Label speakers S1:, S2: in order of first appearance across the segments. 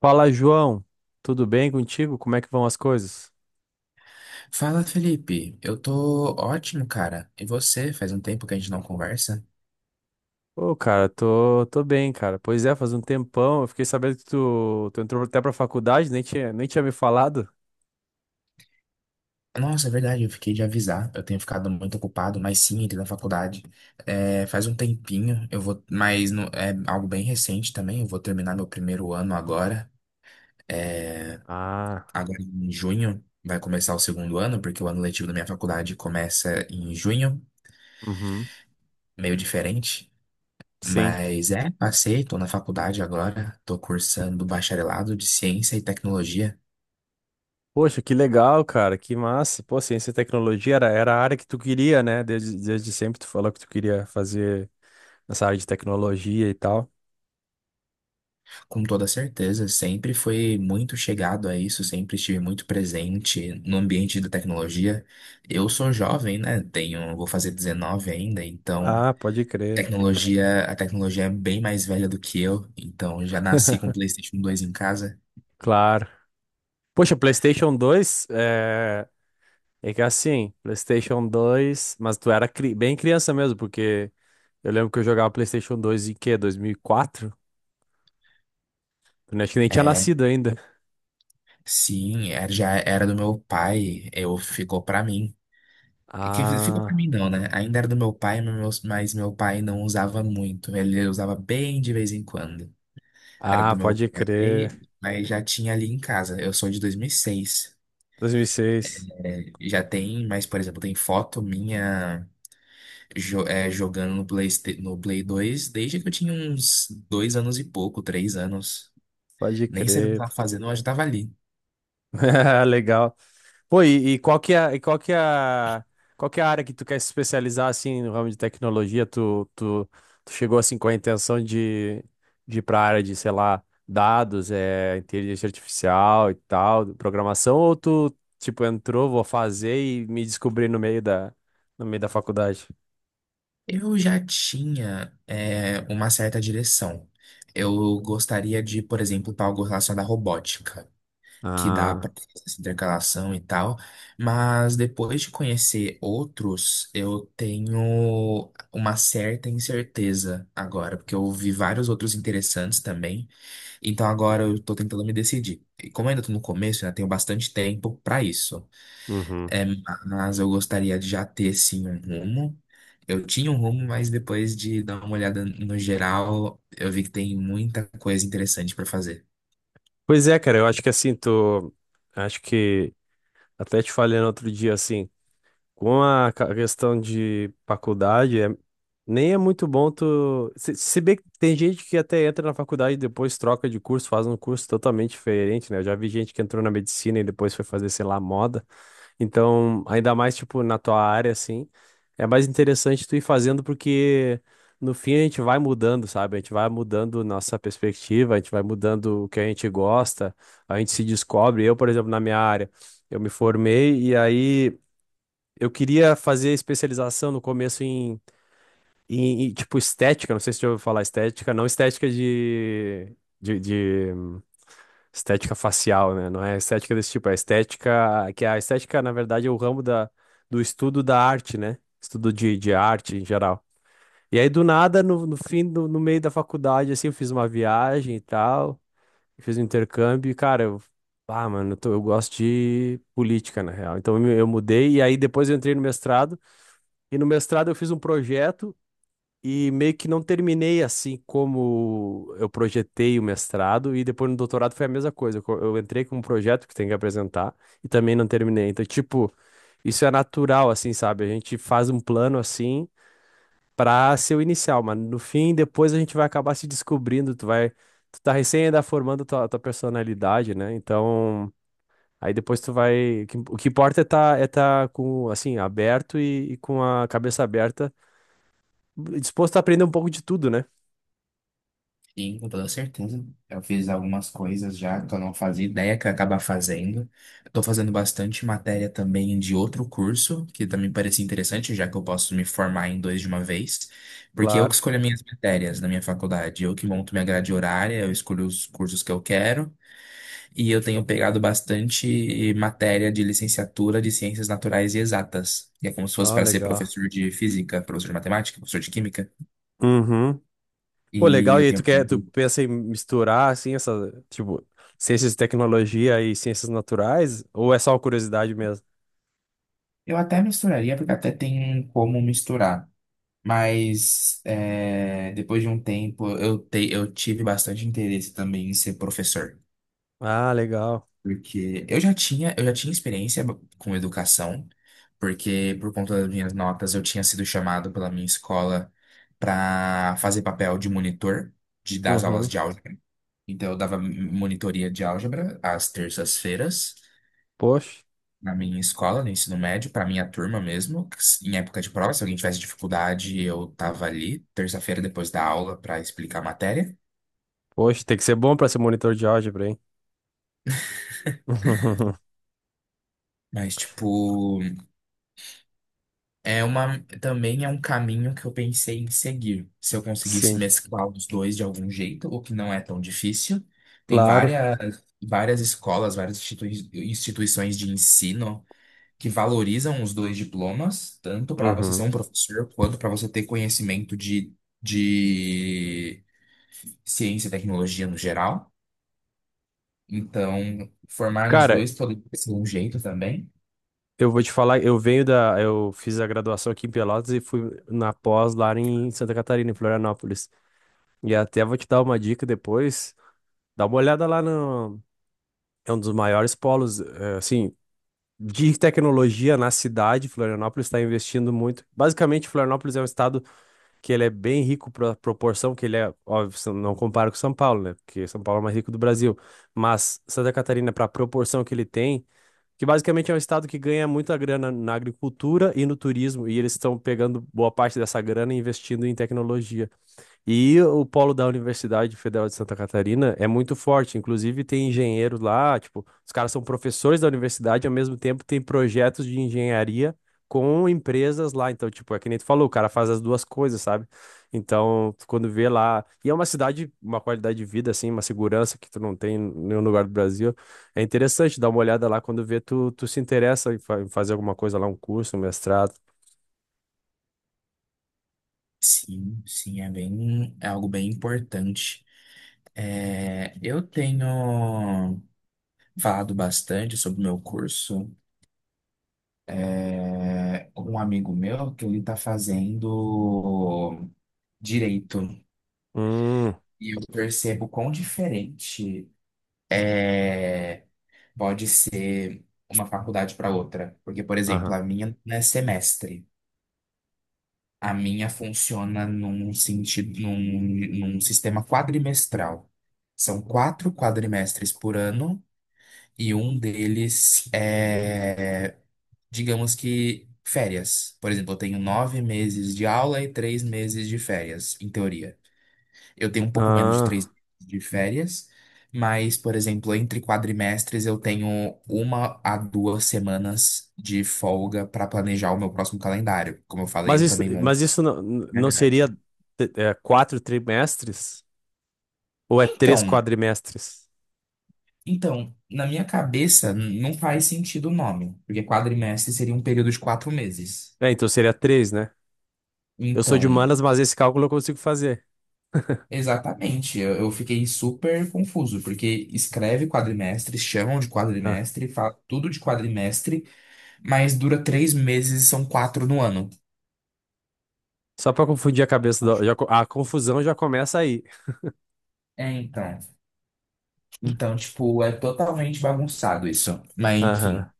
S1: Fala, João. Tudo bem contigo? Como é que vão as coisas?
S2: Fala, Felipe. Eu tô ótimo, cara. E você? Faz um tempo que a gente não conversa.
S1: Ô, cara, tô bem, cara. Pois é, faz um tempão. Eu fiquei sabendo que tu entrou até pra faculdade, nem tinha me falado.
S2: Nossa, é verdade, eu fiquei de avisar. Eu tenho ficado muito ocupado, mas sim, entrei na faculdade. É, faz um tempinho, eu vou, mas não- é algo bem recente também. Eu vou terminar meu primeiro ano agora.
S1: Ah,
S2: Agora em junho vai começar o segundo ano, porque o ano letivo da minha faculdade começa em junho,
S1: uhum,
S2: meio diferente.
S1: sim.
S2: Mas é, passei, tô na faculdade agora, tô cursando bacharelado de Ciência e Tecnologia.
S1: Poxa, que legal, cara. Que massa. Pô, ciência e tecnologia era a área que tu queria, né? Desde sempre tu falou que tu queria fazer nessa área de tecnologia e tal.
S2: Com toda certeza, sempre foi muito chegado a isso, sempre estive muito presente no ambiente da tecnologia. Eu sou jovem, né? Tenho, vou fazer 19 ainda, então
S1: Ah, pode crer.
S2: tecnologia, a tecnologia é bem mais velha do que eu, então já nasci com o PlayStation 2 em casa.
S1: Claro. Poxa, PlayStation dois é que assim, PlayStation dois, mas tu era bem criança mesmo, porque eu lembro que eu jogava PlayStation dois em quê? 2004. Eu acho que nem tinha
S2: É,
S1: nascido ainda.
S2: sim, já era do meu pai, eu ficou pra mim. Que ficou pra
S1: Ah,
S2: mim não, né? Ainda era do meu pai, mas meu pai não usava muito, ele usava bem de vez em quando. Era do
S1: ah,
S2: meu
S1: pode crer.
S2: pai, mas já tinha ali em casa. Eu sou de 2006.
S1: 2006,
S2: É, já tem, mas, por exemplo, tem foto minha jogando no Play, no Play 2 desde que eu tinha uns 2 anos e pouco, 3 anos.
S1: pode
S2: Nem sabia o que
S1: crer. Pô.
S2: estava fazendo, mas eu estava ali.
S1: Legal. Pô, e qual que é, e qual que é, a- qual que é a área que tu quer se especializar assim no ramo de tecnologia? Tu chegou assim com a intenção de ir para a área de, sei lá, dados, é, inteligência artificial e tal, programação, ou tu tipo entrou, vou fazer e me descobri no meio da faculdade?
S2: Eu já tinha, é, uma certa direção. Eu gostaria de, por exemplo, algo relacionado à robótica. Que dá para
S1: Ah,
S2: fazer essa intercalação e tal, mas depois de conhecer outros, eu tenho uma certa incerteza agora, porque eu vi vários outros interessantes também, então agora eu tô tentando me decidir. E como eu ainda tô no começo, né, tenho bastante tempo para isso,
S1: uhum.
S2: é, mas eu gostaria de já ter sim um rumo. Eu tinha um rumo, mas depois de dar uma olhada no geral, eu vi que tem muita coisa interessante para fazer.
S1: Pois é, cara, eu acho que assim, tu. Acho que até te falei no outro dia assim. Com a questão de faculdade, nem é muito bom tu. Se bem que tem gente que até entra na faculdade e depois troca de curso, faz um curso totalmente diferente, né? Eu já vi gente que entrou na medicina e depois foi fazer, sei lá, moda. Então, ainda mais, tipo, na tua área, assim, é mais interessante tu ir fazendo porque no fim a gente vai mudando, sabe? A gente vai mudando nossa perspectiva, a gente vai mudando o que a gente gosta, a gente se descobre. Eu, por exemplo, na minha área, eu me formei e aí. Eu queria fazer especialização no começo tipo, estética. Não sei se você já ouviu falar estética. Não estética de estética facial, né? Não é estética desse tipo. É estética... Que a estética, na verdade, é o ramo da, do estudo da arte, né? Estudo de arte em geral. E aí, do nada, no, no fim, no, no meio da faculdade, assim, eu fiz uma viagem e tal. Fiz um intercâmbio e, cara, eu... Ah, mano, eu gosto de política, na real. Então, eu mudei e aí depois eu entrei no mestrado. E no mestrado eu fiz um projeto e meio que não terminei assim como eu projetei o mestrado. E depois no doutorado foi a mesma coisa. Eu entrei com um projeto que tem que apresentar e também não terminei. Então, tipo, isso é natural, assim, sabe? A gente faz um plano assim pra ser o inicial, mas no fim, depois a gente vai acabar se descobrindo. Tu vai. Tu tá recém ainda formando tua personalidade, né? Então. Aí depois tu vai. O que importa é tá com, assim, aberto e com a cabeça aberta, disposto a aprender um pouco de tudo, né?
S2: Sim, com toda certeza. Eu fiz algumas coisas já que eu não fazia ideia que eu ia acabar fazendo. Estou fazendo bastante matéria também de outro curso, que também parecia interessante, já que eu posso me formar em dois de uma vez, porque eu que
S1: Claro.
S2: escolho as minhas matérias na minha faculdade, eu que monto minha grade horária, eu escolho os cursos que eu quero, e eu tenho pegado bastante matéria de licenciatura de ciências naturais e exatas, que é como se fosse
S1: Ah,
S2: para ser
S1: legal.
S2: professor de física, professor de matemática, professor de química,
S1: Uhum. Pô,
S2: e
S1: legal. E
S2: eu
S1: aí tu
S2: tenho.
S1: quer, tu pensa em misturar assim essa, tipo, ciências de tecnologia e ciências naturais? Ou é só uma curiosidade mesmo?
S2: Eu até misturaria, porque até tem como misturar. Mas é, depois de um tempo, eu tive bastante interesse também em ser professor.
S1: Ah, legal.
S2: Porque eu já tinha experiência com educação, porque por conta das minhas notas eu tinha sido chamado pela minha escola para fazer papel de monitor de, das aulas
S1: Uhum.
S2: de álgebra. Então eu dava monitoria de álgebra às terças-feiras.
S1: Poxa,
S2: Na minha escola, no ensino médio, para minha turma mesmo, em época de prova, se alguém tivesse dificuldade, eu tava ali, terça-feira depois da aula, para explicar a matéria.
S1: tem que ser bom pra ser monitor de álgebra, hein?
S2: Mas, tipo, é uma, também é um caminho que eu pensei em seguir. Se eu conseguisse
S1: Sim,
S2: mesclar os dois de algum jeito, o que não é tão difícil. Tem
S1: claro.
S2: várias, várias escolas, várias instituições de ensino que valorizam os dois diplomas, tanto para você ser
S1: Uhum.
S2: um professor, quanto para você ter conhecimento de ciência e tecnologia no geral. Então, formar nos
S1: Cara,
S2: dois pode ser um jeito também.
S1: eu vou te falar, eu venho da, eu fiz a graduação aqui em Pelotas e fui na pós lá em Santa Catarina, em Florianópolis. E até vou te dar uma dica depois. Dá uma olhada lá no. É um dos maiores polos, eh, assim, de tecnologia na cidade. Florianópolis está investindo muito. Basicamente, Florianópolis é um estado que ele é bem rico para proporção que ele é, óbvio, se não compara com São Paulo, né? Porque São Paulo é o mais rico do Brasil. Mas Santa Catarina, para a proporção que ele tem, que basicamente é um estado que ganha muita grana na agricultura e no turismo, e eles estão pegando boa parte dessa grana e investindo em tecnologia. E o polo da Universidade Federal de Santa Catarina é muito forte. Inclusive, tem engenheiros lá, tipo, os caras são professores da universidade, ao mesmo tempo tem projetos de engenharia com empresas lá. Então, tipo, é que nem tu falou, o cara faz as duas coisas, sabe? Então, tu quando vê lá. E é uma cidade, uma qualidade de vida, assim, uma segurança que tu não tem em nenhum lugar do Brasil. É interessante dar uma olhada lá quando vê, tu se interessa em em fazer alguma coisa lá, um curso, um mestrado.
S2: Sim, sim, é bem, é algo bem importante. É, eu tenho falado bastante sobre o meu curso com um amigo meu que ele está fazendo direito
S1: Hum,
S2: e eu percebo quão diferente é, pode ser uma faculdade para outra. Porque, por exemplo,
S1: aham.
S2: a minha não é semestre. A minha funciona num sentido, num, num sistema quadrimestral. São quatro quadrimestres por ano e um deles é, digamos que, férias. Por exemplo, eu tenho 9 meses de aula e 3 meses de férias, em teoria. Eu tenho um pouco menos de três
S1: Ah.
S2: meses de férias, mas, por exemplo, entre quadrimestres eu tenho uma a duas semanas de folga para planejar o meu próximo calendário. Como eu falei,
S1: Mas
S2: eu
S1: isso,
S2: também
S1: mas
S2: monto
S1: isso não,
S2: minha
S1: não seria
S2: grade.
S1: é, quatro trimestres? Ou é três
S2: Então,
S1: quadrimestres?
S2: então, na minha cabeça não faz sentido o nome, porque quadrimestre seria um período de 4 meses.
S1: É, então seria três, né? Eu sou
S2: Então,
S1: de humanas, mas esse cálculo eu consigo fazer.
S2: exatamente, eu fiquei super confuso, porque escreve quadrimestre, chamam de
S1: Ah,
S2: quadrimestre, fala tudo de quadrimestre, mas dura 3 meses e são quatro no ano.
S1: só para confundir a cabeça, a confusão já começa aí.
S2: É, então. Então, tipo, é totalmente bagunçado isso. Mas,
S1: Aham,
S2: enfim,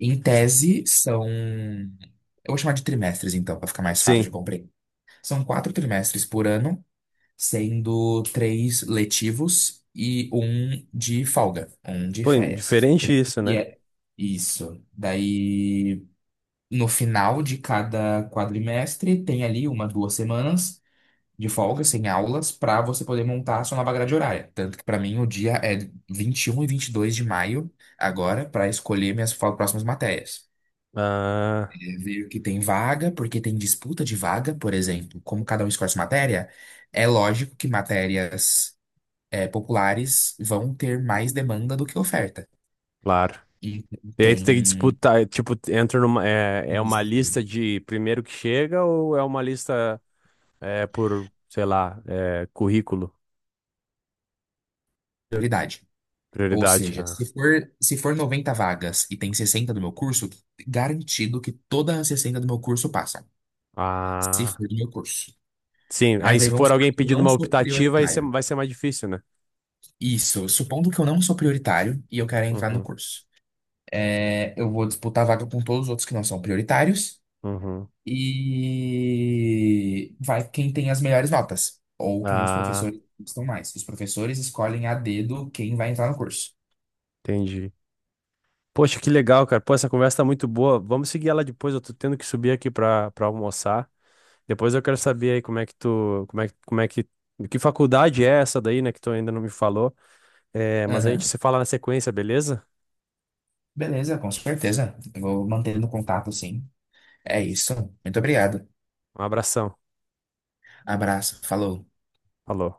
S2: em tese são. Eu vou chamar de trimestres, então, para ficar mais fácil de.
S1: sim.
S2: São quatro trimestres por ano, sendo três letivos e um de folga, um de
S1: Pô,
S2: férias.
S1: diferente isso,
S2: E
S1: né?
S2: é isso. Daí, no final de cada quadrimestre, tem ali uma, duas semanas de folga, sem aulas, para você poder montar a sua nova grade horária. Tanto que, para mim, o dia é 21 e 22 de maio, agora, para escolher minhas próximas matérias.
S1: Ah,
S2: Veio que tem vaga, porque tem disputa de vaga, por exemplo, como cada um escolhe sua matéria, é lógico que matérias, é, populares vão ter mais demanda do que oferta.
S1: claro.
S2: E
S1: E aí tu tem que
S2: tem
S1: disputar, tipo, entra numa, é, é uma
S2: isso,
S1: lista de primeiro que chega ou é uma lista é, por, sei lá, é, currículo,
S2: prioridade. Ou
S1: prioridade?
S2: seja,
S1: Ah.
S2: se for 90 vagas e tem 60 do meu curso, garantido que todas as 60 do meu curso passam, se
S1: Ah,
S2: for do meu curso.
S1: sim,
S2: Mas
S1: aí se
S2: daí vamos
S1: for
S2: supor
S1: alguém
S2: que eu
S1: pedindo
S2: não
S1: uma
S2: sou
S1: optativa, aí
S2: prioritário.
S1: vai ser mais difícil, né?
S2: Isso, supondo que eu não sou prioritário e eu quero entrar no
S1: Uhum,
S2: curso. É, eu vou disputar a vaga com todos os outros que não são prioritários.
S1: uhum.
S2: E vai quem tem as melhores notas, ou quem os
S1: Ah,
S2: professores gostam mais. Os professores escolhem a dedo quem vai entrar no curso.
S1: entendi. Poxa, que legal, cara. Pô, essa conversa tá muito boa. Vamos seguir ela depois. Eu tô tendo que subir aqui pra almoçar. Depois eu quero saber aí como é que faculdade é essa daí, né, que tu ainda não me falou. É, mas a gente
S2: Aham.
S1: se fala na sequência, beleza?
S2: Beleza, com certeza. Eu vou mantendo contato, sim. É isso. Muito obrigado.
S1: Um abração.
S2: Abraço. Falou.
S1: Falou.